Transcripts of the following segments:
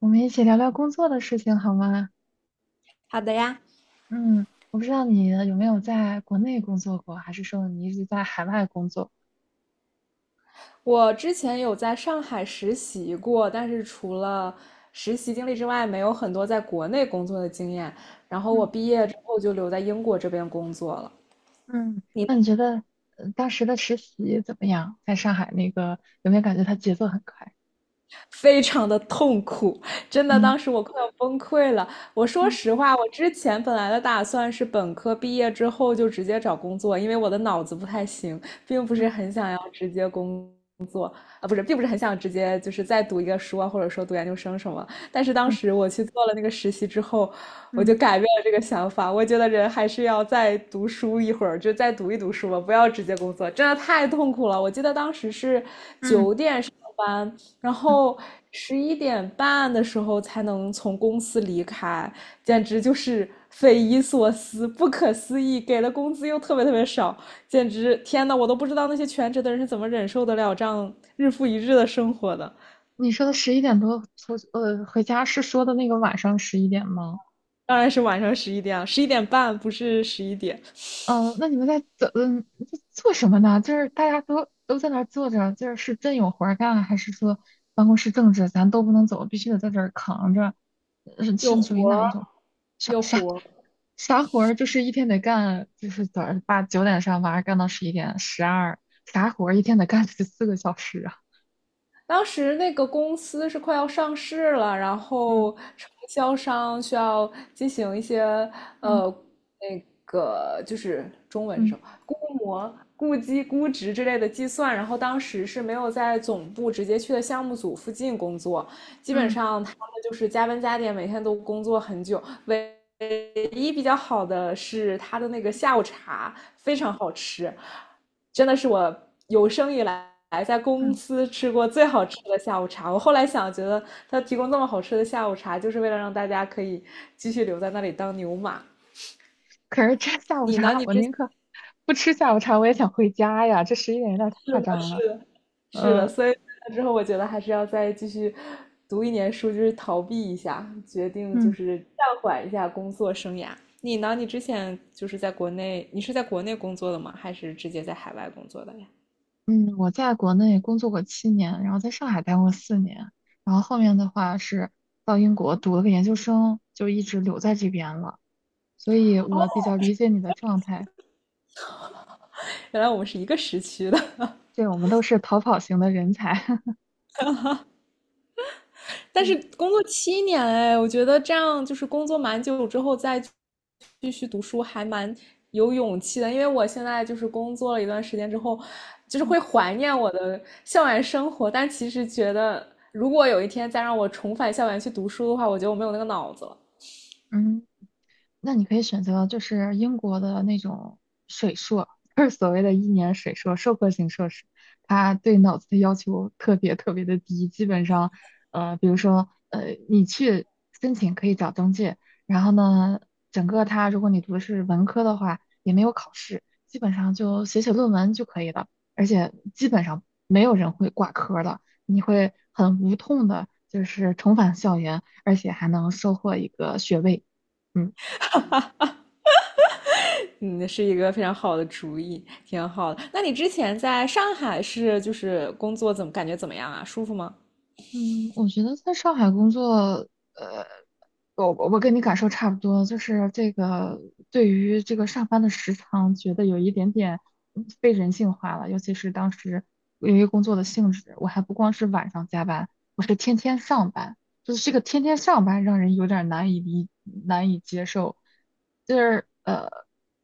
我们一起聊聊工作的事情好吗？好的呀，嗯，我不知道你有没有在国内工作过，还是说你一直在海外工作？我之前有在上海实习过，但是除了实习经历之外，没有很多在国内工作的经验。然后我嗯毕业之后就留在英国这边工作了。嗯，那你你觉得当时的实习怎么样？在上海那个有没有感觉它节奏很快？非常的痛苦，真的，嗯当时我快要崩溃了。我说嗯实话，我之前本来的打算是本科毕业之后就直接找工作，因为我的脑子不太行，并不是嗯很想要直接工并不是很想直接就是再读一个书啊，或者说读研究生什么。但是当嗯时我去做了那个实习之后，我嗯就改变了这个想法。我觉得人还是要再读书一会儿，就再读一读书吧，不要直接工作，真的太痛苦了。我记得当时是嗯嗯，嗯班，然嗯。后十一点半的时候才能从公司离开，简直就是匪夷所思、不可思议。给的工资又特别特别少，简直天呐，我都不知道那些全职的人是怎么忍受得了这样日复一日的生活的。你说的十一点多出回家是说的那个晚上十一点吗？当然是晚上11点啊，11点半不是11点，嗯，那你们在怎嗯在做什么呢？就是大家都在那儿坐着，就是真有活儿干，还是说办公室政治咱都不能走，必须得在这儿扛着？是有是属于活哪一儿，种？啥有啥活儿。啥活儿？就是一天得干，就是早上8、9点上班，干到十一点、12，啥活儿一天得干14个小时啊？当时那个公司是快要上市了，然嗯后承销商需要进行一些嗯呃那个就是中文是嗯什么估计、估值之类的计算，然后当时是没有在总部直接去的项目组附近工作，基本嗯上他们就是加班加点，每天都工作很久。唯一比较好的是他的那个下午茶非常好吃，真的是我有生以来在公嗯。司吃过最好吃的下午茶。我后来想，觉得他提供这么好吃的下午茶，就是为了让大家可以继续留在那里当牛马。可是这下午你呢？茶，你我之宁前可不吃下午茶，我也想回家呀。这十一点有点太吃夸的张了。是是的，呃所以之后我觉得还是要再继续读一年书，就是逃避一下，决定就嗯。是暂缓一下工作生涯。你呢？你之前就是在国内，你是在国内工作的吗？还是直接在海外工作的呀？嗯，我在国内工作过7年，然后在上海待过4年，然后后面的话是到英国读了个研究生，就一直留在这边了。所以哦，我比较理解你的状态，原来我们是一个时区的。对，我们都是逃跑型的人才。但是对，工作7年哎，我觉得这样就是工作蛮久之后再继续读书还蛮有勇气的，因为我现在就是工作了一段时间之后，就是会嗯怀念我的校园生活，但其实觉得如果有一天再让我重返校园去读书的话，我觉得我没有那个脑子了。嗯。那你可以选择就是英国的那种水硕，就是所谓的一年水硕，授课型硕士，它对脑子的要求特别特别的低，基本上，比如说，你去申请可以找中介，然后呢，整个它如果你读的是文科的话，也没有考试，基本上就写写论文就可以了，而且基本上没有人会挂科的，你会很无痛的，就是重返校园，而且还能收获一个学位。嗯。嗯，是一个非常好的主意，挺好的。那你之前在上海是就是工作怎么感觉怎么样啊？舒服吗？嗯，我觉得在上海工作，呃，我跟你感受差不多，就是这个对于这个上班的时长，觉得有一点点被人性化了，尤其是当时由于工作的性质，我还不光是晚上加班，我是天天上班，就是这个天天上班让人有点难以接受，就是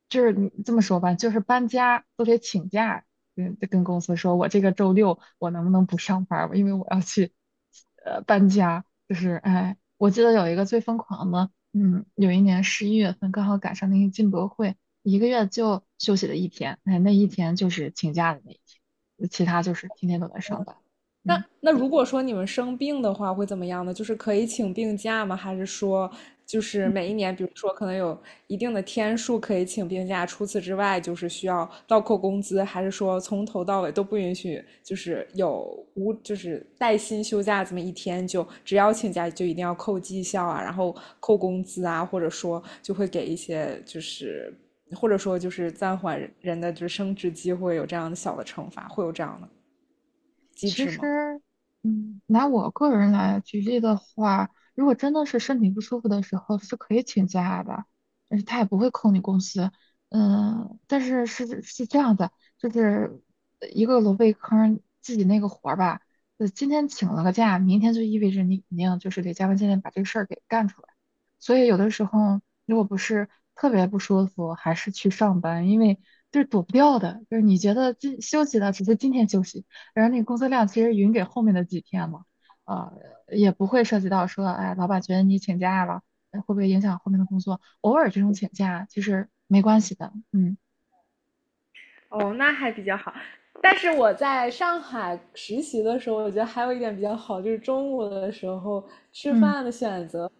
就是你这么说吧，就是搬家都得请假，跟公司说，我这个周六我能不能不上班儿吧，因为我要去搬家。就是哎，我记得有一个最疯狂的，有一年11月份刚好赶上那个进博会，一个月就休息了一天，哎，那一天就是请假的那一天，其他就是天天都在上班。那嗯。那如果说你们生病的话，会怎么样呢？就是可以请病假吗？还是说，就是每一年，比如说可能有一定的天数可以请病假，除此之外就是需要倒扣工资，还是说从头到尾都不允许，就是有无就是带薪休假这么一天就，只要请假就一定要扣绩效啊，然后扣工资啊，或者说就会给一些就是或者说就是暂缓人的就是升职机会，有这样的小的惩罚，会有这样的机其制吗？实，拿我个人来举例的话，如果真的是身体不舒服的时候，是可以请假的，而且他也不会扣你工资。嗯，但是是这样的，就是一个萝卜一坑，自己那个活儿吧，今天请了个假，明天就意味着你肯定就是得加班加点把这个事儿给干出来。所以有的时候，如果不是特别不舒服，还是去上班，因为就是躲不掉的，就是你觉得今休息了，只是今天休息。然后那个工作量其实匀给后面的几天嘛，呃，也不会涉及到说，哎，老板觉得你请假了，会不会影响后面的工作？偶尔这种请假其实没关系的。嗯哦，那还比较好。但是我在上海实习的时候，我觉得还有一点比较好，就是中午的时候吃嗯，饭的选择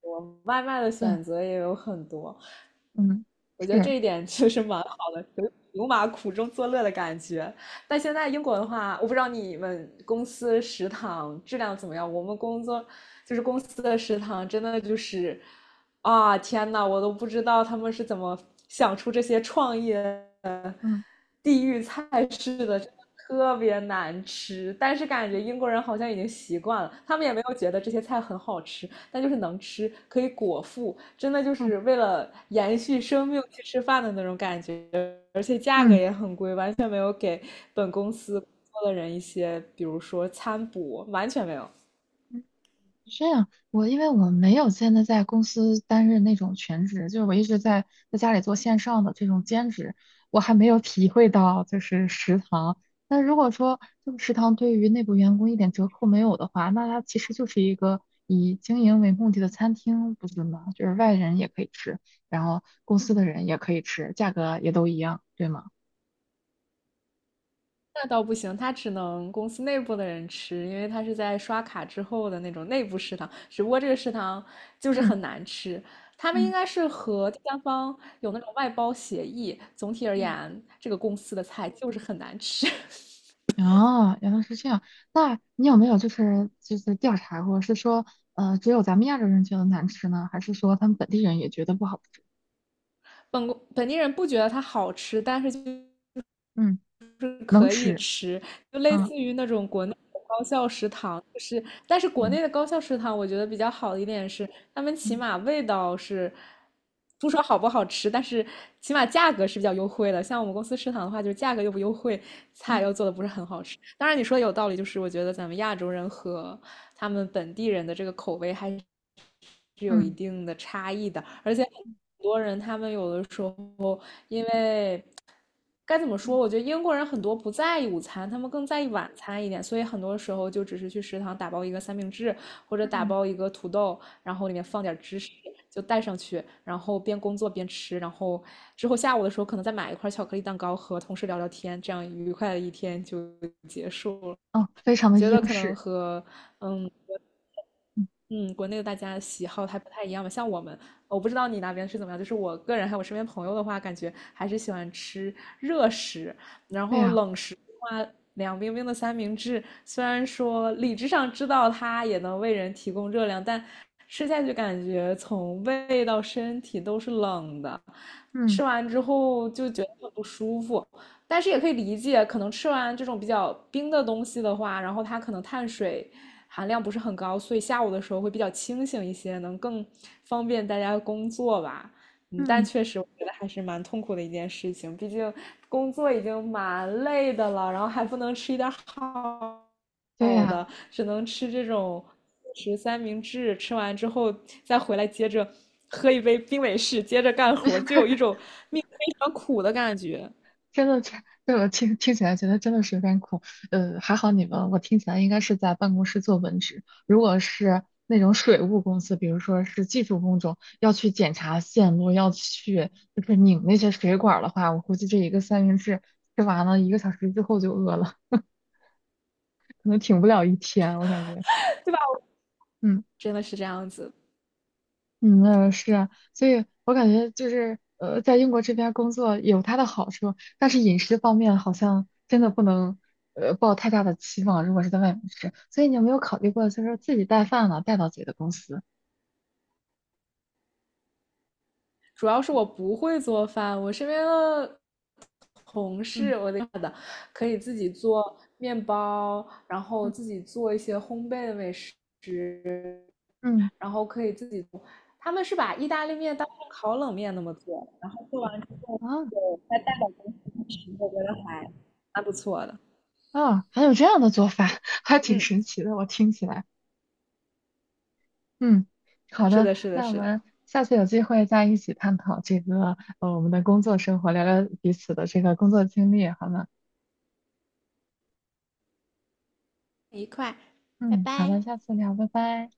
我外卖的对，选择也有很多，嗯，我觉得是，这一点确实蛮好的，有牛马苦中作乐的感觉。但现在英国的话，我不知道你们公司食堂质量怎么样。我们工作就是公司的食堂，真的就是啊，天呐，我都不知道他们是怎么想出这些创意的嗯地域菜式的，真的特别难吃。但是感觉嗯英国人好像已经习惯了，他们也没有觉得这些菜很好吃。那就是能吃，可以果腹，真的就嗯是为了延续生命去吃饭的那种感觉，而且价格嗯。也很贵，完全没有给本公司工作的人一些，比如说餐补，完全没有。这样，我因为我没有现在在公司担任那种全职，就是我一直在家里做线上的这种兼职，我还没有体会到就是食堂。那如果说这个食堂对于内部员工一点折扣没有的话，那它其实就是一个以经营为目的的餐厅，不是吗？就是外人也可以吃，然后公司的人也可以吃，价格也都一样，对吗？那倒不行，他只能公司内部的人吃，因为他是在刷卡之后的那种内部食堂，只不过这个食堂就是嗯很难吃。他们应嗯。该是和第三方有那种外包协议，总体而言，这个公司的菜就是很难吃。哦，原来是这样。那你有没有就是调查过，是说只有咱们亚洲人觉得难吃呢，还是说他们本地人也觉得不好吃？本本地人不觉得它好吃，但是就嗯，能可以吃。吃，就类嗯似于那种国内的高校食堂，就是但是国嗯内的高校食堂，我觉得比较好的一点是，他们起嗯码味道是不说好不好吃，但是起码价格是比较优惠的。像我们公司食堂的话，就是价格又不优惠，菜嗯又做的不是很好吃。当然你说的有道理，就是我觉得咱们亚洲人和他们本地人的这个口味还是嗯有一嗯定的差异的，而且很多人他们有的时候该怎么说？嗯我觉得英国人很多不在意午餐，他们更在意晚餐一点，所以很多时候就只是去食堂打包一个三明治，或者打嗯包一个土豆，然后里面放点芝士，就带上去，然后边工作边吃，然后之后下午的时候可能再买一块巧克力蛋糕和同事聊聊天，这样愉快的一天就结束了。嗯，非常的觉得英可能式。和嗯嗯，嗯，国内的大家喜好还不太一样吧？像我们，我不知道你那边是怎么样，就是我个人还有我身边朋友的话，感觉还是喜欢吃热食，然对后呀，冷食的话，凉冰冰的三明治，虽然说理智上知道它也能为人提供热量，但吃下去感觉从胃到身体都是冷的，嗯吃完之后就觉得很不舒服。但是也可以理解，可能吃完这种比较冰的东西的话，然后它可能碳水含量不是很高，所以下午的时候会比较清醒一些，能更方便大家工作吧。嗯，但嗯，确实我觉得还是蛮痛苦的一件事情，毕竟工作已经蛮累的了，然后还不能吃一点好对好呀，的，只能吃这种三明治，吃完之后再回来接着喝一杯冰美式，接着干活，就有一 种命非常苦的感觉，真的这对我听起来觉得真的是有点苦。还好你们，我听起来应该是在办公室做文职。如果是那种水务公司，比如说是技术工种，要去检查线路，要去就是拧那些水管儿的话，我估计这一个三明治吃完了一个小时之后就饿了，可能挺不了一天，我感觉。对吧？嗯。真的是这样子，嗯，是啊，所以我感觉就是在英国这边工作有它的好处，但是饮食方面好像真的不能抱太大的期望，如果是在外面吃，所以你有没有考虑过，就是自己带饭了，带到自己的公司？主要是我不会做饭，我身边的同嗯事。可以自己做面包，然后嗯自己做一些烘焙的美食，嗯，然后可以自己做。他们是把意大利面当成烤冷面那么做，然后做完之后，啊就再带到公司吃，我觉得还蛮不错的。啊，还有这样的做法，还挺嗯，神奇的，我听起来。嗯，好是的，的，是的，那我是的，们下次有机会再一起探讨这个我们的工作生活，聊聊彼此的这个工作经历，好吗？愉快，拜嗯，好拜。的，下次聊，拜拜。